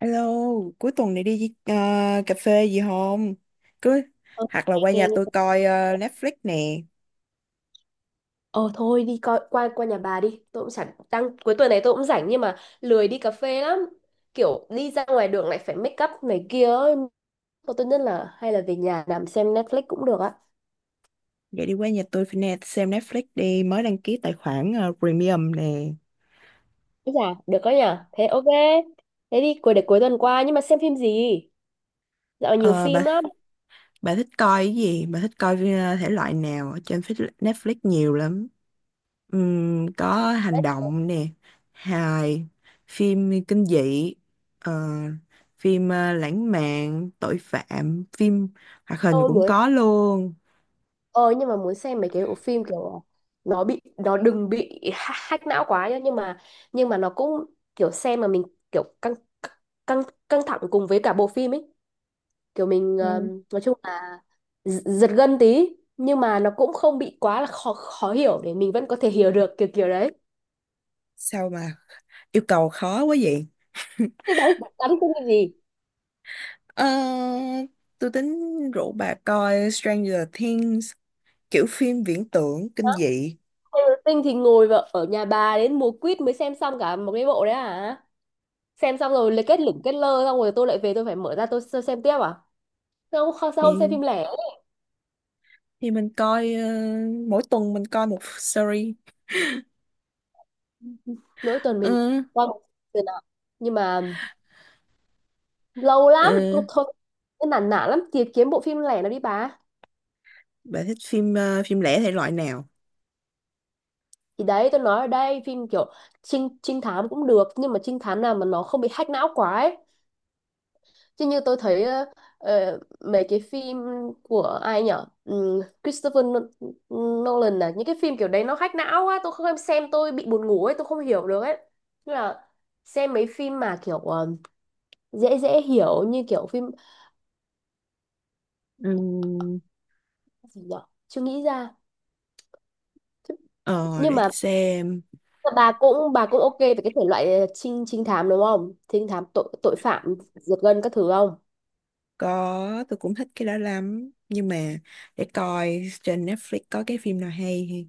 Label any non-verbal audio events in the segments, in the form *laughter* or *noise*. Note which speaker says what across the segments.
Speaker 1: Alo, cuối tuần này đi cà phê gì không? Cứ
Speaker 2: Ờ,
Speaker 1: Hoặc là
Speaker 2: nghe
Speaker 1: qua nhà
Speaker 2: nghe nghe.
Speaker 1: tôi coi Netflix nè.
Speaker 2: Ờ thôi đi coi qua qua nhà bà đi. Tôi cũng chẳng đang cuối tuần này tôi cũng rảnh nhưng mà lười đi cà phê lắm. Kiểu đi ra ngoài đường lại phải make up này kia ấy. Thôi tốt nhất là hay là về nhà nằm xem Netflix cũng được á.
Speaker 1: Vậy đi qua nhà tôi phải nè, xem Netflix đi, mới đăng ký tài khoản premium nè.
Speaker 2: Thế. Dạ, được đó nhỉ. Thế ok. Thế đi cuối tuần qua nhưng mà xem phim gì? Dạo này nhiều
Speaker 1: Ờ,
Speaker 2: phim
Speaker 1: bà
Speaker 2: lắm.
Speaker 1: bà thích coi cái gì? Bà thích coi thể loại nào? Ở trên Netflix nhiều lắm. Có hành động nè, hài, phim kinh dị, ờ, phim lãng mạn, tội phạm, phim hoạt hình
Speaker 2: Tôi
Speaker 1: cũng
Speaker 2: muốn
Speaker 1: có luôn.
Speaker 2: Ờ nhưng mà muốn xem mấy cái bộ phim kiểu nó bị nó đừng bị hack não quá nhá nhưng mà nó cũng kiểu xem mà mình kiểu căng căng căng thẳng cùng với cả bộ phim ấy kiểu mình
Speaker 1: Ừ.
Speaker 2: nói chung là giật gân tí nhưng mà nó cũng không bị quá là khó khó hiểu để mình vẫn có thể hiểu được kiểu kiểu đấy.
Speaker 1: Sao mà yêu cầu khó quá vậy. *laughs*
Speaker 2: Thế bạn tán phim cái gì?
Speaker 1: Ờ, tôi tính rủ bà coi Stranger Things, kiểu phim viễn tưởng
Speaker 2: Hả?
Speaker 1: kinh dị.
Speaker 2: Taylor Swift thì ngồi vào ở nhà bà đến mùa quýt mới xem xong cả một cái bộ đấy à, xem xong rồi lại kết lủng kết lơ xong rồi tôi lại về tôi phải mở ra tôi xem tiếp à? Không, sao không xem
Speaker 1: thì
Speaker 2: phim lẻ?
Speaker 1: thì mình coi mỗi tuần mình coi một series.
Speaker 2: Mỗi tuần mình
Speaker 1: Ừ,
Speaker 2: coi một lần nào. Nhưng mà lâu lắm, thôi,
Speaker 1: ừ.
Speaker 2: thôi. Cái nản nản lắm, tìm kiếm bộ phim lẻ nào đi bà.
Speaker 1: Bà thích phim phim lẻ thể loại nào?
Speaker 2: Thì đấy, tôi nói ở đây, phim kiểu trinh thám cũng được, nhưng mà trinh thám nào mà nó không bị hack não quá ấy. Chứ như tôi thấy mấy cái phim của ai nhở? Christopher Nolan này, những cái phim kiểu đấy nó hack não quá, tôi không xem tôi bị buồn ngủ ấy, tôi không hiểu được ấy. Tức là xem mấy phim mà kiểu dễ dễ hiểu như kiểu phim
Speaker 1: Ừm,
Speaker 2: gì nhở, chưa nghĩ ra. Thế
Speaker 1: ờ
Speaker 2: nhưng
Speaker 1: để
Speaker 2: mà
Speaker 1: xem.
Speaker 2: bà cũng ok về cái thể loại trinh trinh thám đúng không, trinh thám tội tội phạm giật gân các thứ không?
Speaker 1: Có, tôi cũng thích cái đó lắm, nhưng mà để coi trên Netflix có cái phim nào hay thì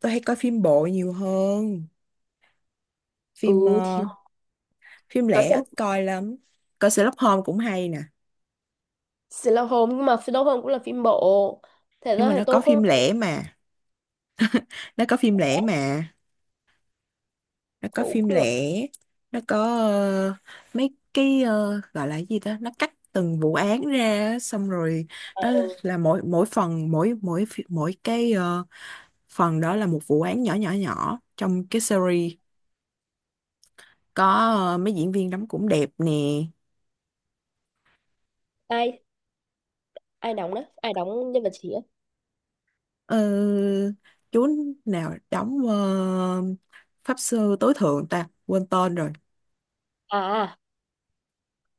Speaker 1: tôi hay coi phim bộ nhiều hơn, phim
Speaker 2: Ừ thì
Speaker 1: phim
Speaker 2: có
Speaker 1: lẻ
Speaker 2: xem
Speaker 1: ít coi lắm. Coi Sherlock Holmes cũng hay nè.
Speaker 2: Sherlock Holmes nhưng mà Sherlock Holmes cũng là phim bộ, thế
Speaker 1: Nhưng
Speaker 2: ra
Speaker 1: mà
Speaker 2: thì tôi không,
Speaker 1: nó có phim lẻ mà nó có
Speaker 2: cũng
Speaker 1: phim
Speaker 2: được.
Speaker 1: lẻ. Nó có mấy cái gọi là cái gì ta, nó cắt từng vụ án ra á, xong rồi
Speaker 2: Ờ,
Speaker 1: nó
Speaker 2: ừ.
Speaker 1: là mỗi mỗi phần, mỗi mỗi phi- mỗi cái phần đó là một vụ án nhỏ nhỏ nhỏ trong cái series. Có mấy diễn viên đóng cũng đẹp nè.
Speaker 2: Ai, ai đóng đó ai đóng nhân vật chính ấy?
Speaker 1: Ờ, chú nào đóng pháp sư tối thượng, ta quên tên rồi.
Speaker 2: À à,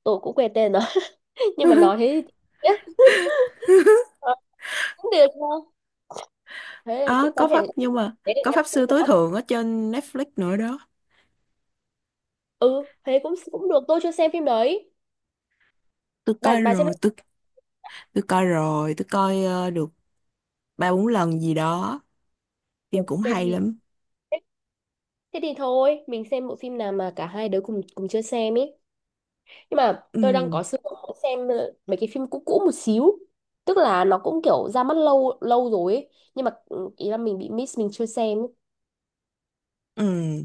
Speaker 2: tôi cũng quên tên rồi *laughs* nhưng mà nói
Speaker 1: *laughs*
Speaker 2: thế thì biết. Ờ, cũng được nha, thế là
Speaker 1: Ờ,
Speaker 2: cũng có
Speaker 1: có
Speaker 2: thể,
Speaker 1: pháp Nhưng mà
Speaker 2: thế được
Speaker 1: có
Speaker 2: nha.
Speaker 1: pháp
Speaker 2: Thế
Speaker 1: sư
Speaker 2: còn
Speaker 1: tối
Speaker 2: ốc.
Speaker 1: thượng ở trên Netflix nữa đó.
Speaker 2: Ừ thế cũng cũng được, tôi chưa xem phim đấy.
Speaker 1: Tôi
Speaker 2: bà
Speaker 1: coi
Speaker 2: bà xem.
Speaker 1: rồi, tôi coi rồi, tôi coi được ba bốn lần gì đó.
Speaker 2: Ủa,
Speaker 1: Phim cũng
Speaker 2: xem
Speaker 1: hay
Speaker 2: gì?
Speaker 1: lắm.
Speaker 2: Thế thế thì thôi mình xem bộ phim nào mà cả hai đứa cùng cùng chưa xem ấy, nhưng mà tôi đang
Speaker 1: Ừ,
Speaker 2: có sự muốn xem mấy cái phim cũ cũ một xíu, tức là nó cũng kiểu ra mắt lâu lâu rồi ấy. Nhưng mà ừ, ý là mình bị miss, mình chưa xem ấy.
Speaker 1: ừ.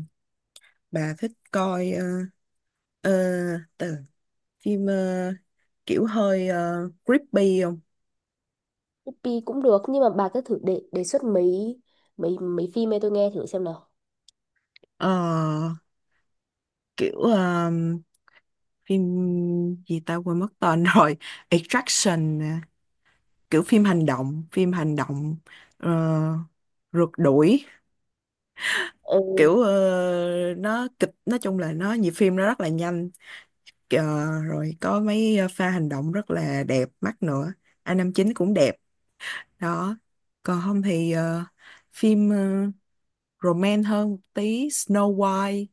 Speaker 1: Bà thích coi ờ, ờ, từ phim kiểu hơi creepy không?
Speaker 2: Pi cũng được nhưng mà bà cứ thử đề đề xuất mấy mấy mấy phim ấy tôi nghe thử xem nào.
Speaker 1: Ờ, Kiểu phim gì ta quên mất tên *laughs* rồi. Extraction, nè. Kiểu phim hành động, ờ, rượt đuổi.
Speaker 2: Ừ,
Speaker 1: Kiểu ờ, nó kịch nói chung là nó nhịp phim nó rất là nhanh. Ờ, Rồi có mấy pha hành động rất là đẹp mắt nữa. Năm chín cũng đẹp. Đó. Còn không thì phim romance hơn một tí, Snow White.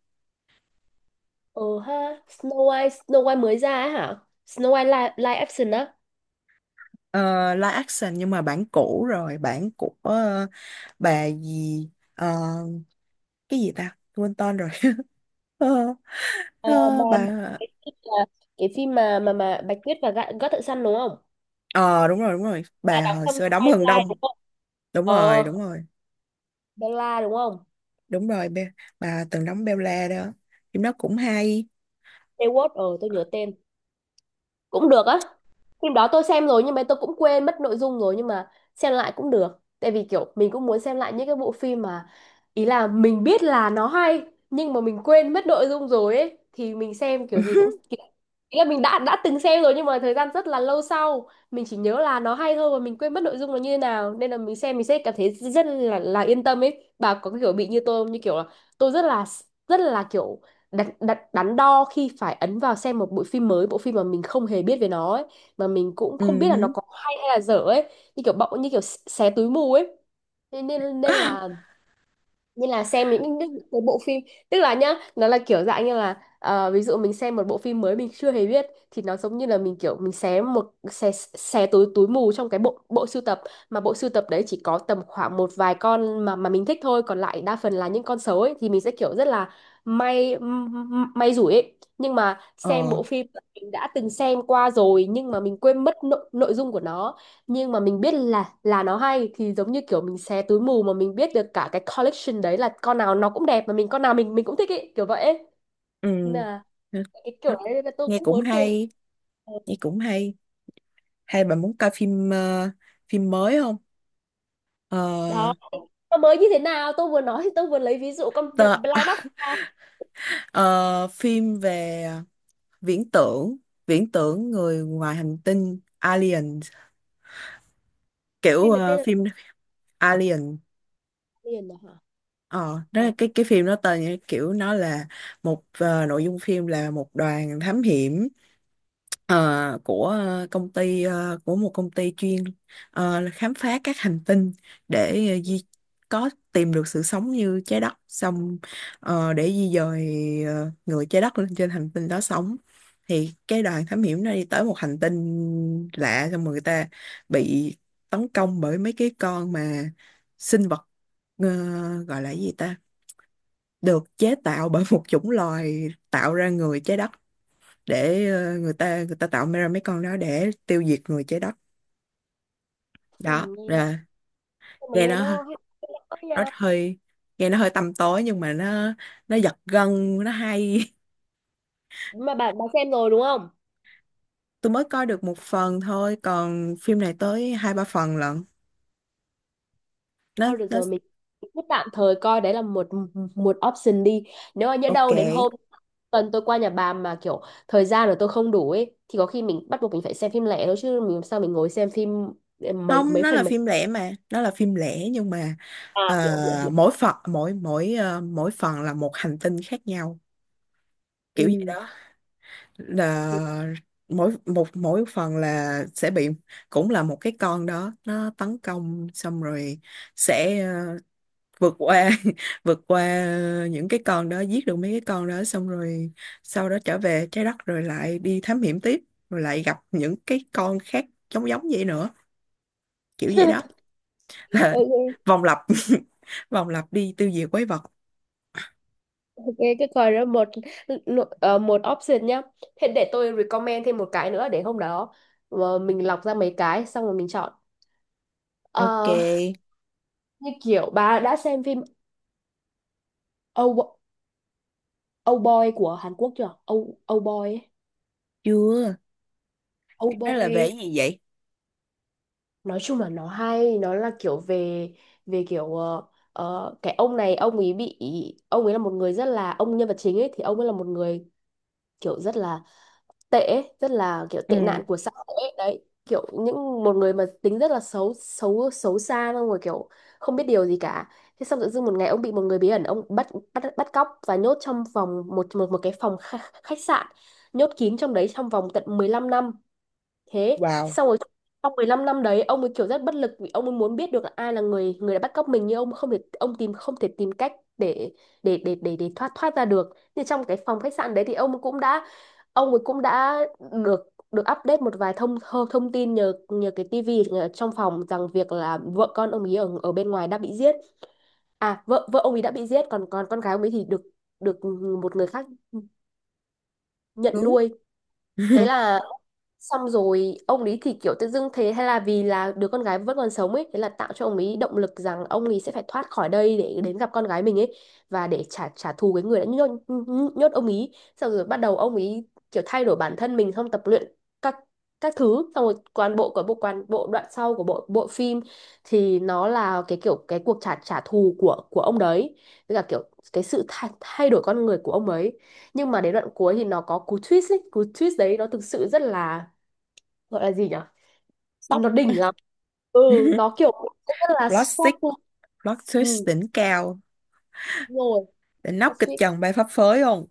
Speaker 2: ừ ha. Snow White mới ra á hả? Snow White live action á?
Speaker 1: Ờ, Live action nhưng mà bản cũ rồi, bản của bà gì ờ, cái gì ta, quên tên rồi. *laughs* Ờ,
Speaker 2: À,
Speaker 1: ờ, bà
Speaker 2: bà, cái phim là cái phim mà mà Bạch Tuyết và gã gã thợ săn đúng không?
Speaker 1: ờ Đúng rồi, đúng rồi,
Speaker 2: À,
Speaker 1: bà
Speaker 2: đằng
Speaker 1: hồi
Speaker 2: trong
Speaker 1: xưa đóng Hừng
Speaker 2: Twilight
Speaker 1: Đông.
Speaker 2: đúng không?
Speaker 1: Đúng
Speaker 2: Ờ,
Speaker 1: rồi, đúng rồi,
Speaker 2: Bella đúng không?
Speaker 1: đúng rồi. Bà từng đóng Bella đó, phim đó cũng hay.
Speaker 2: Stewart, ờ tôi nhớ tên, cũng được á. Phim đó tôi xem rồi nhưng mà tôi cũng quên mất nội dung rồi, nhưng mà xem lại cũng được tại vì kiểu mình cũng muốn xem lại những cái bộ phim mà ý là mình biết là nó hay, nhưng mà mình quên mất nội dung rồi ấy thì mình xem kiểu gì cũng
Speaker 1: *laughs*
Speaker 2: kiểu, ý là mình đã từng xem rồi nhưng mà thời gian rất là lâu sau mình chỉ nhớ là nó hay thôi và mình quên mất nội dung nó như thế nào nên là mình xem mình sẽ cảm thấy rất là yên tâm ấy. Bà có kiểu bị như tôi không, như kiểu là tôi rất là kiểu đắn đo khi phải ấn vào xem một bộ phim mới, bộ phim mà mình không hề biết về nó ấy, mà mình cũng không
Speaker 1: Ừ
Speaker 2: biết là nó
Speaker 1: hứ.
Speaker 2: có hay hay là dở ấy, như kiểu bỗng như kiểu xé túi mù ấy, nên nên là như là xem những cái bộ phim, tức là nhá nó là kiểu dạng như là ví dụ mình xem một bộ phim mới mình chưa hề biết thì nó giống như là mình kiểu mình xé một xé xé túi túi mù trong cái bộ bộ sưu tập mà bộ sưu tập đấy chỉ có tầm khoảng một vài con mà mình thích thôi còn lại đa phần là những con xấu ấy thì mình sẽ kiểu rất là may may rủi ấy, nhưng mà xem
Speaker 1: ờ
Speaker 2: bộ phim mình đã từng xem qua rồi nhưng mà mình quên mất nội dung của nó nhưng mà mình biết là nó hay thì giống như kiểu mình xé túi mù mà mình biết được cả cái collection đấy là con nào nó cũng đẹp mà mình con nào mình cũng thích ý kiểu vậy ấy.
Speaker 1: ừ.
Speaker 2: Nên là cái kiểu
Speaker 1: Đó.
Speaker 2: đấy là tôi
Speaker 1: Nghe
Speaker 2: cũng
Speaker 1: cũng
Speaker 2: muốn xem.
Speaker 1: hay,
Speaker 2: Ờ,
Speaker 1: nghe cũng hay. Hay bà muốn coi phim phim mới không? Ờ,
Speaker 2: đó nó mới như thế nào tôi vừa nói thì tôi vừa lấy ví dụ con
Speaker 1: tờ,
Speaker 2: Blind Box
Speaker 1: *laughs*
Speaker 2: ra.
Speaker 1: ờ, Phim về viễn tưởng viễn tưởng người ngoài hành tinh, Alien. Kiểu
Speaker 2: Phim này tên là
Speaker 1: phim Alien.
Speaker 2: liền đó hả?
Speaker 1: Ờ Đó
Speaker 2: Ờ,
Speaker 1: là cái phim đó, tên như kiểu nó là nội dung phim là một đoàn thám hiểm ờ, của ờ, công ty ờ, của một công ty chuyên là khám phá các hành tinh để ờ, di có tìm được sự sống như trái đất, xong để di dời người trái đất lên trên hành tinh đó sống. Thì cái đoàn thám hiểm nó đi tới một hành tinh lạ, xong rồi người ta bị tấn công bởi mấy cái con mà sinh vật ờ, gọi là cái gì ta, được chế tạo bởi *laughs* một chủng loài tạo ra người trái đất, để người ta tạo ra mấy con đó để tiêu diệt người trái đất.
Speaker 2: sao
Speaker 1: Đó
Speaker 2: mà nghe nó,
Speaker 1: là,
Speaker 2: sao mà
Speaker 1: nghe
Speaker 2: nghe
Speaker 1: nó
Speaker 2: nó hay quá
Speaker 1: nó
Speaker 2: nha.
Speaker 1: hơi nghe nó hơi tăm tối nhưng mà nó giật gân, nó hay. *laughs*
Speaker 2: Mà bạn bạn xem rồi đúng không?
Speaker 1: Tôi mới coi được một phần thôi, còn phim này tới hai ba phần lận. nó
Speaker 2: Thôi được
Speaker 1: nó
Speaker 2: rồi mình cứ tạm thời coi đấy là một, một option đi, nếu mà nhỡ
Speaker 1: ok
Speaker 2: đâu đến hôm tuần tôi qua nhà bà mà kiểu thời gian rồi tôi không đủ ấy thì có khi mình bắt buộc mình phải xem phim lẻ thôi chứ mình làm sao mình ngồi xem phim mấy
Speaker 1: không
Speaker 2: mấy
Speaker 1: nó là
Speaker 2: phần mấy.
Speaker 1: phim lẻ mà, nó là phim lẻ nhưng mà
Speaker 2: À *laughs* hiểu hiểu hiểu.
Speaker 1: mỗi phần, mỗi mỗi ờ, mỗi phần là một hành tinh khác nhau. Kiểu gì
Speaker 2: Ừ.
Speaker 1: đó, là mỗi phần là sẽ bị cũng là một cái con đó nó tấn công, xong rồi sẽ vượt qua *laughs* vượt qua những cái con đó, giết được mấy cái con đó, xong rồi sau đó trở về trái đất rồi lại đi thám hiểm tiếp, rồi lại gặp những cái con khác giống giống vậy nữa, kiểu vậy đó.
Speaker 2: *laughs*
Speaker 1: *laughs* Là
Speaker 2: Ok,
Speaker 1: vòng lặp. *laughs* Vòng lặp đi tiêu diệt quái vật.
Speaker 2: ok cái coi đó một, một option nhá. Thế để tôi recommend thêm một cái nữa để hôm đó, mình lọc ra mấy cái xong rồi mình chọn.
Speaker 1: Ok,
Speaker 2: Ờ, như kiểu bà đã xem phim Ow- Âu Boy của Hàn Quốc chưa? Âu Âu Boy ấy.
Speaker 1: chưa.
Speaker 2: Âu
Speaker 1: Đó là
Speaker 2: Boy
Speaker 1: về
Speaker 2: ấy,
Speaker 1: cái gì vậy?
Speaker 2: nói chung là nó hay, nó là kiểu về về kiểu cái ông này ông ấy bị, ông ấy là một người rất là, ông nhân vật chính ấy thì ông ấy là một người kiểu rất là tệ ấy, rất là kiểu tệ
Speaker 1: Ừ.
Speaker 2: nạn của xã hội ấy. Đấy, kiểu những một người mà tính rất là xấu xấu xấu xa xong rồi kiểu không biết điều gì cả. Thế xong tự dưng một ngày ông bị một người bí ẩn ông bắt, bắt cóc và nhốt trong vòng một một một cái phòng khách sạn, nhốt kín trong đấy trong vòng tận 15 năm. Thế
Speaker 1: Wow.
Speaker 2: xong rồi trong 15 năm đấy ông ấy kiểu rất bất lực vì ông ấy muốn biết được là ai là người người đã bắt cóc mình nhưng ông không thể, ông tìm không thể tìm cách để để thoát thoát ra được, nhưng trong cái phòng khách sạn đấy thì ông cũng đã, ông ấy cũng đã được được update một vài thông thông, thông tin nhờ nhờ cái tivi ở trong phòng rằng việc là vợ con ông ấy ở ở bên ngoài đã bị giết, à vợ vợ ông ấy đã bị giết còn còn con gái ông ấy thì được, được một người khác nhận
Speaker 1: Cứu.
Speaker 2: nuôi. Thế
Speaker 1: *laughs*
Speaker 2: là xong rồi ông ấy thì kiểu tự dưng thế hay là vì là đứa con gái vẫn còn sống ấy thế là tạo cho ông ấy động lực rằng ông ấy sẽ phải thoát khỏi đây để đến gặp con gái mình ấy và để trả trả thù cái người đã nhốt ông ấy, xong rồi bắt đầu ông ấy kiểu thay đổi bản thân mình xong tập luyện các các thứ, xong rồi toàn bộ đoạn sau của bộ bộ phim thì nó là cái kiểu cái cuộc trả trả thù của ông đấy với cả kiểu cái sự thay đổi con người của ông ấy, nhưng mà đến đoạn cuối thì nó có cú twist ấy, cú twist đấy nó thực sự rất là, gọi là gì nhỉ,
Speaker 1: Sốc.
Speaker 2: nó đỉnh lắm. Ừ
Speaker 1: *laughs*
Speaker 2: nó kiểu cũng rất là
Speaker 1: Plastic,
Speaker 2: shock luôn.
Speaker 1: plot twist
Speaker 2: Ừ
Speaker 1: đỉnh cao.
Speaker 2: đúng rồi,
Speaker 1: Đỉnh
Speaker 2: nó
Speaker 1: nóc kịch
Speaker 2: suýt
Speaker 1: trần bay phấp phới không?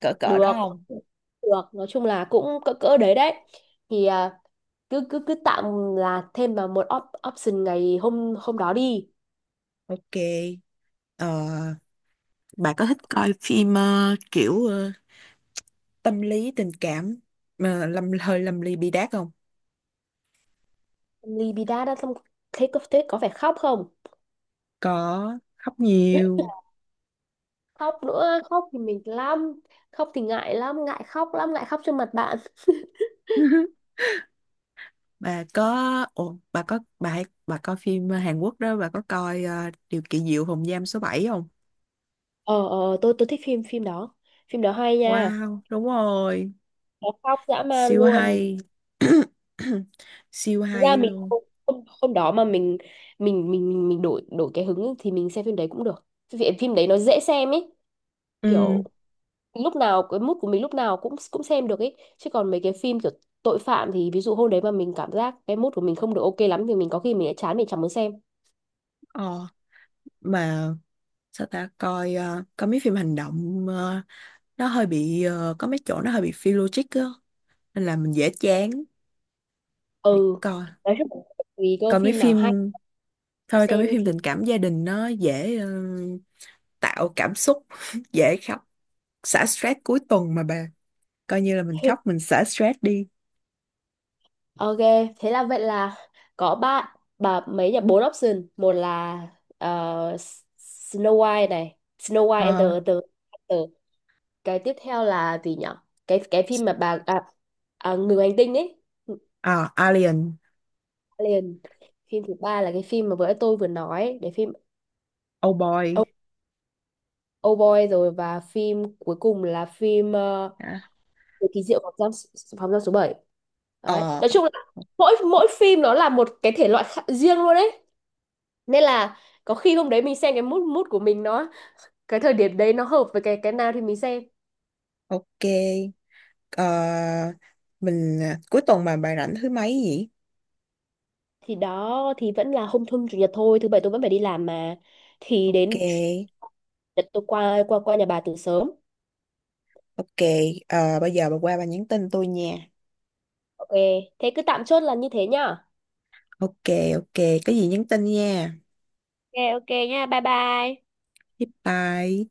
Speaker 1: Cỡ cỡ đó
Speaker 2: được,
Speaker 1: không?
Speaker 2: được nói chung là cũng cỡ cỡ đấy đấy thì à, cứ cứ cứ tạm là thêm vào một option ngày hôm hôm đó đi.
Speaker 1: Ok. Ờ, bà có thích coi phim kiểu tâm lý tình cảm mà hơi lâm ly bi đát không?
Speaker 2: Libida đã xong, thế có, thế có phải khóc không?
Speaker 1: Có khóc nhiều.
Speaker 2: Khóc nữa, khóc thì mình lắm, khóc thì ngại lắm, ngại khóc lắm, ngại khóc trước mặt bạn.
Speaker 1: *laughs* Bà có ồ, bà có bà hay- Bà coi phim Hàn Quốc đó, bà có coi Điều kỳ diệu phòng giam số 7 không?
Speaker 2: Ờ ờ tôi thích phim phim đó, phim đó hay nha,
Speaker 1: Wow, đúng rồi.
Speaker 2: nó khóc dã man
Speaker 1: Siêu
Speaker 2: luôn.
Speaker 1: hay. *coughs* Siêu
Speaker 2: Thực ra
Speaker 1: hay
Speaker 2: mình
Speaker 1: luôn.
Speaker 2: hôm, hôm hôm đó mà mình đổi đổi cái hứng ấy, thì mình xem phim đấy cũng được vì phim đấy nó dễ xem ấy, kiểu
Speaker 1: Ừ,
Speaker 2: lúc nào cái mood của mình lúc nào cũng cũng xem được ấy chứ còn mấy cái phim kiểu tội phạm thì ví dụ hôm đấy mà mình cảm giác cái mood của mình không được ok lắm thì mình có khi mình sẽ chán mình chẳng muốn xem.
Speaker 1: ờ mà sao ta coi coi mấy phim hành động, nó hơi bị có mấy chỗ nó hơi bị phi logic á, nên là mình dễ chán. Để
Speaker 2: Ừ,
Speaker 1: coi.
Speaker 2: nói chung là tùy cơ
Speaker 1: Coi mấy
Speaker 2: phim nào
Speaker 1: phim
Speaker 2: hay
Speaker 1: Thôi coi mấy
Speaker 2: xem
Speaker 1: phim
Speaker 2: thì
Speaker 1: tình cảm gia đình, nó dễ tạo cảm xúc *laughs* dễ khóc, xả stress cuối tuần mà bà, coi như là mình
Speaker 2: hay.
Speaker 1: khóc mình xả stress đi.
Speaker 2: Ok, thế là vậy là có ba bà mấy nhỉ bốn option, một là ờ, Snow White này, Snow White and
Speaker 1: Ờ,
Speaker 2: the, cái tiếp theo là gì nhở, cái phim mà bà à, à, người ngoài hành tinh ấy,
Speaker 1: À, Alien.
Speaker 2: liền, phim thứ ba là cái phim mà vừa tôi vừa nói để phim
Speaker 1: Oh
Speaker 2: Oh,
Speaker 1: Boy.
Speaker 2: oh Boy rồi và phim cuối cùng là phim
Speaker 1: Hả?
Speaker 2: Người kỳ diệu phòng giam, phòng giam số 7, đấy
Speaker 1: ờ
Speaker 2: nói chung là mỗi mỗi phim nó là một cái thể loại khác, riêng luôn đấy nên là có khi hôm đấy mình xem cái mood mood của mình nó, cái thời điểm đấy nó hợp với cái nào thì mình xem.
Speaker 1: ok. Ờ, mình cuối tuần mà bà rảnh thứ mấy vậy?
Speaker 2: Thì đó thì vẫn là hôm hôm chủ nhật thôi, thứ bảy tôi vẫn phải đi làm mà, thì
Speaker 1: Ok.
Speaker 2: đến, đợt tôi qua qua qua nhà bà từ sớm.
Speaker 1: Ok, bây giờ bà qua bà nhắn tin tôi nha.
Speaker 2: Ok, thế cứ tạm chốt là như thế nhá.
Speaker 1: Ok, ok, có gì nhắn tin nha.
Speaker 2: Ok ok nha, bye bye.
Speaker 1: Bye bye.